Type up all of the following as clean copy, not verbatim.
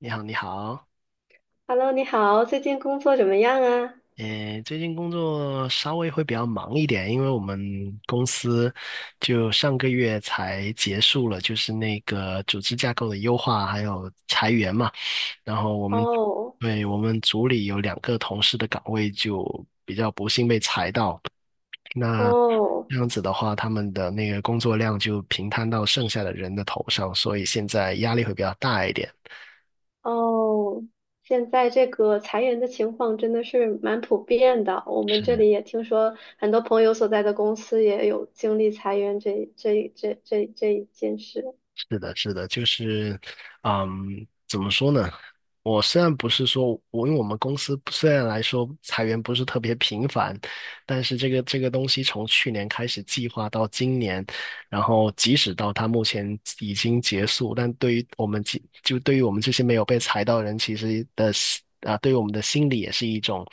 你好，你好，Hello，你好，最近工作怎么样啊？最近工作稍微会比较忙一点，因为我们公司就上个月才结束了，就是那个组织架构的优化，还有裁员嘛。然后我们，哦对，我们组里有两个同事的岗位就比较不幸被裁到，那哦这样子的话，他们的那个工作量就平摊到剩下的人的头上，所以现在压力会比较大一点。哦，现在这个裁员的情况真的是蛮普遍的，我们这里也听说很多朋友所在的公司也有经历裁员这一件事。是的，是的，怎么说呢？我虽然不是说，我因为我们公司虽然来说裁员不是特别频繁，但是这个东西从去年开始计划到今年，然后即使到它目前已经结束，但对于我们其就对于我们这些没有被裁到的人，其实的心啊，对于我们的心理也是一种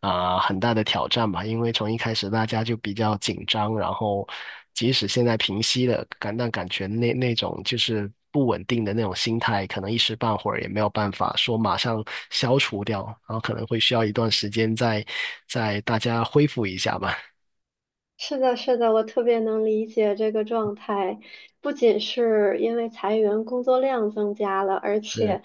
很大的挑战吧。因为从一开始大家就比较紧张，然后即使现在平息了，感觉那种就是不稳定的那种心态，可能一时半会儿也没有办法说马上消除掉，然后可能会需要一段时间再大家恢复一下吧。是的，是的，我特别能理解这个状态，不仅是因为裁员工作量增加了，而是。且。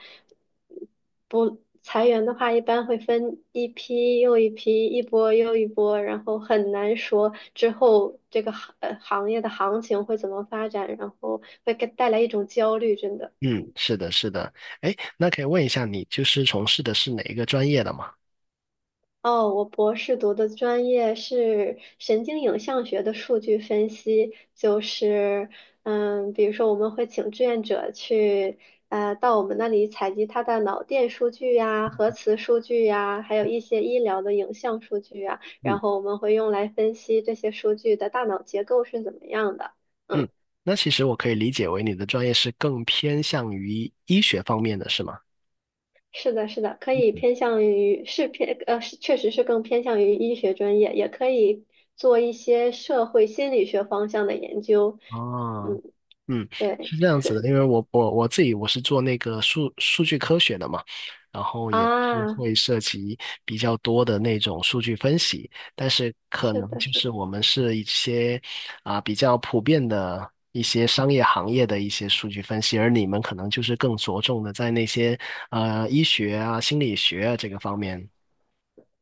不裁员的话，一般会分一批又一批，一波又一波，然后很难说之后这个行业的行情会怎么发展，然后会给带来一种焦虑，真的。嗯，是的，是的。哎，那可以问一下，你就是从事的是哪一个专业的吗？哦，我博士读的专业是神经影像学的数据分析，就是，比如说我们会请志愿者去，到我们那里采集他的脑电数据呀、核磁数据呀，还有一些医疗的影像数据呀，嗯然后我们会用来分析这些数据的大脑结构是怎么样的。嗯，嗯。那其实我可以理解为你的专业是更偏向于医学方面的，是吗？是的，是的，可以偏向于是偏呃，是确实是更偏向于医学专业，也可以做一些社会心理学方向的研究。哦，嗯，嗯，对是这样子的，因为我我我自己我是做那个数据科学的嘛，然后也是啊，会涉及比较多的那种数据分析，但是可是能的，就是是的。我们是一些比较普遍的一些商业行业的一些数据分析，而你们可能就是更着重的在那些医学啊、心理学啊这个方面。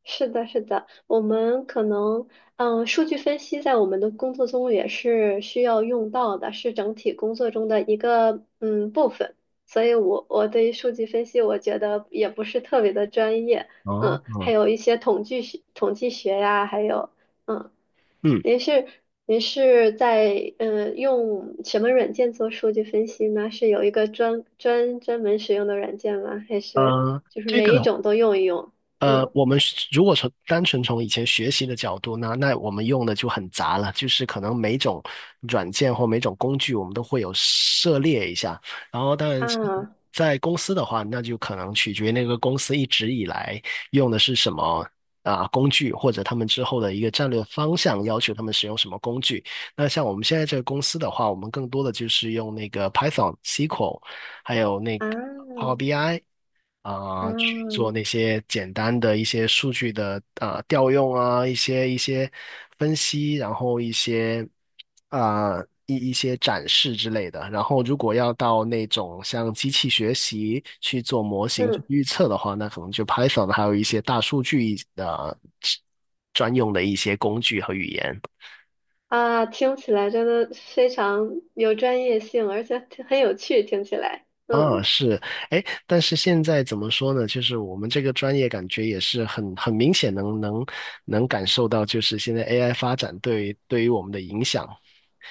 是的，是的，我们可能，数据分析在我们的工作中也是需要用到的，是整体工作中的一个部分。所以我，我对于数据分析，我觉得也不是特别的专业，哦，嗯，还哦，有一些统计学、统计学呀，还有，嗯，嗯，您是您是在用什么软件做数据分析呢？是有一个专门使用的软件吗？还是呃，就是这个。每一种都用一用？嗯。我们是如果从单纯从以前学习的角度呢，那我们用的就很杂了，就是可能每种软件或每种工具，我们都会有涉猎一下。然后，当然啊，在公司的话，那就可能取决于那个公司一直以来用的是什么工具，或者他们之后的一个战略方向，要求他们使用什么工具。那像我们现在这个公司的话，我们更多的就是用那个 Python、SQL，还有那个 Power 啊 BI。去做啊，那些简单的一些数据的调用啊，一些分析，然后一些啊、一些展示之类的。然后如果要到那种像机器学习去做模型去嗯预测的话，那可能就 Python 还有一些大数据的专用的一些工具和语言。啊，听起来真的非常有专业性，而且挺很有趣，听起来，啊，嗯，是，哎，但是现在怎么说呢？就是我们这个专业感觉也是很明显能感受到，就是现在 AI 发展对于我们的影响，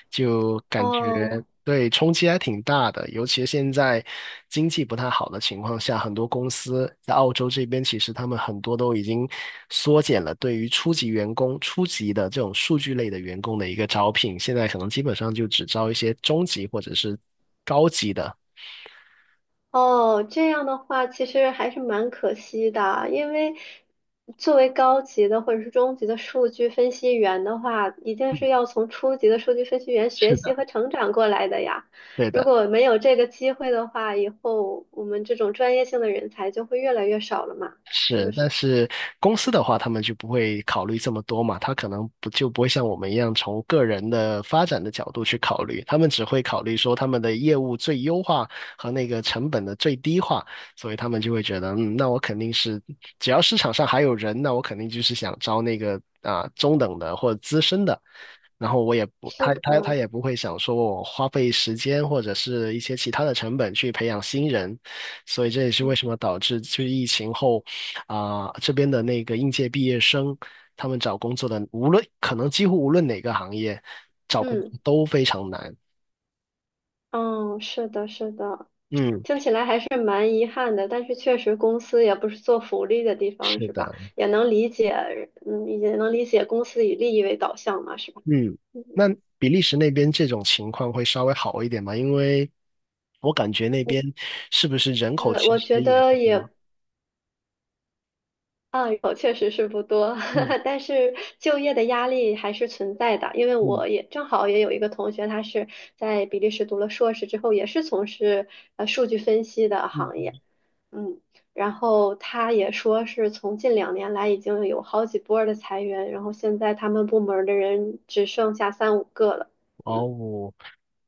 就感觉哦对冲击还挺大的。尤其现在经济不太好的情况下，很多公司在澳洲这边，其实他们很多都已经缩减了对于初级员工、初级的这种数据类的员工的一个招聘，现在可能基本上就只招一些中级或者是高级的。哦，这样的话其实还是蛮可惜的，因为作为高级的或者是中级的数据分析员的话，一定是要从初级的数据分析员学习和成长过来的呀。对如的。果没有这个机会的话，以后我们这种专业性的人才就会越来越少了嘛，是是，不是？但是公司的话，他们就不会考虑这么多嘛，他可能不会像我们一样从个人的发展的角度去考虑，他们只会考虑说他们的业务最优化和那个成本的最低化，所以他们就会觉得，嗯，那我肯定是只要市场上还有人，那我肯定就是想招那个中等的或者资深的，然后我也不是他他他的。也不会想说我花费时间或者是一些其他的成本去培养新人，所以这也是为嗯。什么导致就是疫情后。这边的那个应届毕业生，他们找工作的，无论可能几乎无论哪个行业，找工作嗯，都非常难。哦，是的，是的，嗯，听起来还是蛮遗憾的，但是确实公司也不是做福利的地方，是是吧？的，也能理解，嗯，也能理解公司以利益为导向嘛，是吧？嗯，嗯那比利时那边这种情况会稍微好一点吗？因为我感觉那嗯，边是不是人口嗯其我实觉也得不也多？啊，有确实是不多，嗯 但是就业的压力还是存在的，因为嗯我也正好也有一个同学，他是在比利时读了硕士之后，也是从事数据分析的行嗯业。嗯，然后他也说是从近2年来已经有好几波儿的裁员，然后现在他们部门儿的人只剩下三五个了。嗯哦，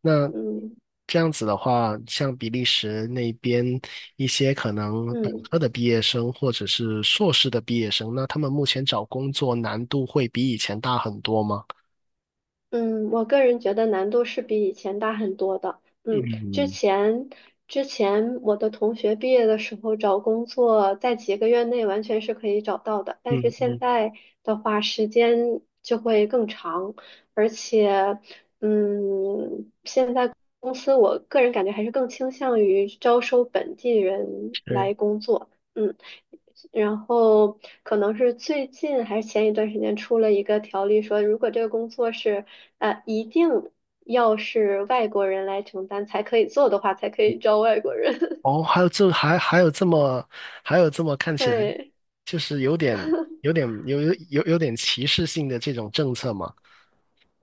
那嗯这样子的话，像比利时那边一些可能本嗯科的毕业生或者是硕士的毕业生，那他们目前找工作难度会比以前大很多吗？嗯，我个人觉得难度是比以前大很多的。嗯，之嗯，前之前我的同学毕业的时候找工作，在几个月内完全是可以找到的，但嗯是现嗯，在的话时间就会更长，而且。嗯，公司，我个人感觉还是更倾向于招收本地人是。来工作。嗯，然后可能是最近还是前一段时间出了一个条例，说如果这个工作是一定要是外国人来承担才可以做的话，才可以招外国人。哦，还有这么看起来对，就是有点歧视性的这种政策吗？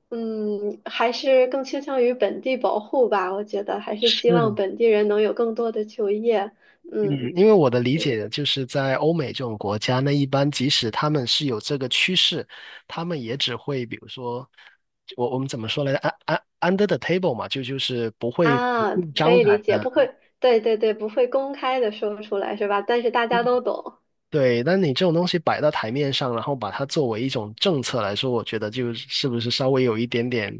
嗯，还是更倾向于本地保护吧，我觉得还是希是。望本地人能有更多的就业。嗯，嗯。因为我的理解就是在欧美这种国家，那一般即使他们是有这个趋势，他们也只会比如说，我们怎么说来着？Under the table 嘛，就是不会明啊，目可张以理胆解，的。不会，对对对，不会公开的说出来是吧？但是大家都懂，对，但你这种东西摆到台面上，然后把它作为一种政策来说，我觉得是不是稍微有一点点，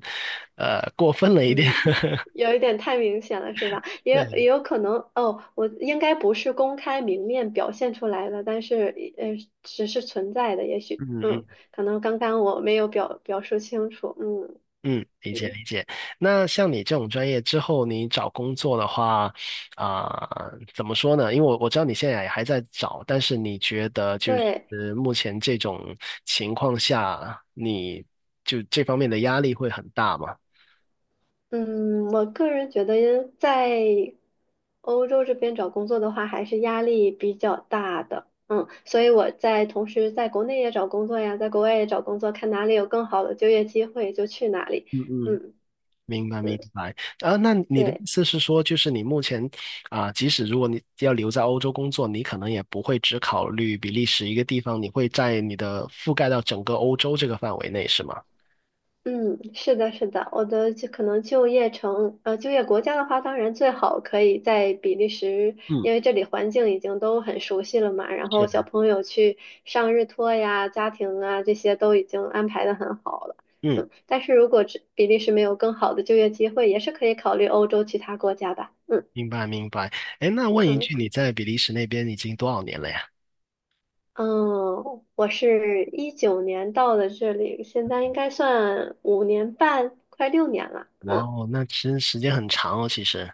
过分了一点。嗯，有一点太明显了是吧？也有也对，有可能哦，我应该不是公开明面表现出来的，但是只是存在的，也许，嗯嗯。嗯，可能刚刚我没有表述清楚，嗯嗯，理解嗯，理解。那像你这种专业之后，你找工作的话，怎么说呢？因为我我知道你现在也还在找，但是你觉得就对。是目前这种情况下，你就这方面的压力会很大吗？嗯，我个人觉得在欧洲这边找工作的话，还是压力比较大的。嗯，所以我在同时在国内也找工作呀，在国外也找工作，看哪里有更好的就业机会就去哪里。嗯嗯，嗯明白明嗯，白。啊，那你的意对。思是说，就是你目前即使如果你要留在欧洲工作，你可能也不会只考虑比利时一个地方，你会在你的覆盖到整个欧洲这个范围内，是吗？嗯，是的，是的，我的就可能就业城，呃，就业国家的话，当然最好可以在比利时，嗯，因为这里环境已经都很熟悉了嘛，然后小是。朋友去上日托呀、家庭啊这些都已经安排的很好了。嗯，嗯，但是如果只比利时没有更好的就业机会，也是可以考虑欧洲其他国家吧。嗯明白明白。哎，那问一嗯句，你在比利时那边已经多少年了呀？嗯，我是19年到的这里，现在应该算5年半，快6年了。哇嗯。哦，那其实时间很长哦，其实。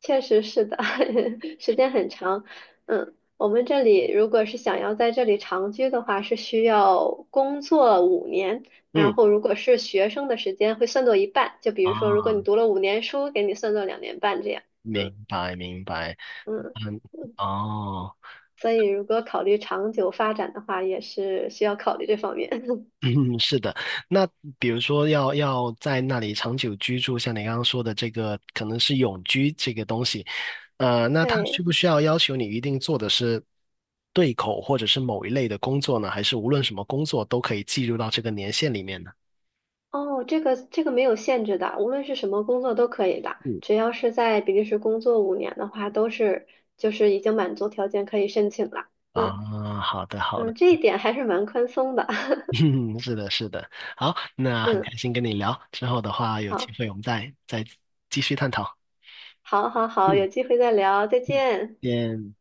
确实是的，时间很长。嗯，我们这里如果是想要在这里长居的话，是需要工作五年，然嗯，后如果是学生的时间会算作一半。就比如说，如果你啊，读了五年书，给你算作2年半这样。嗯明白明白。嗯嗯，嗯，哦，所以如果考虑长久发展的话，也是需要考虑这方面。嗯，是的。那比如说要在那里长久居住，像你刚刚说的这个，可能是永居这个东西，那他需对。不需要要求你一定做的是对口或者是某一类的工作呢？还是无论什么工作都可以计入到这个年限里面呢？哦，这个这个没有限制的，无论是什么工作都可以的，嗯。只要是在比利时工作五年的话，都是就是已经满足条件可以申请了。嗯啊，好的，好的，嗯，这一点还是蛮宽松的。嗯是的，是的，好，那很开嗯，心跟你聊，之后的话有机好，会我们再继续探讨。好，好，好，嗯，有机会再聊，再见。见。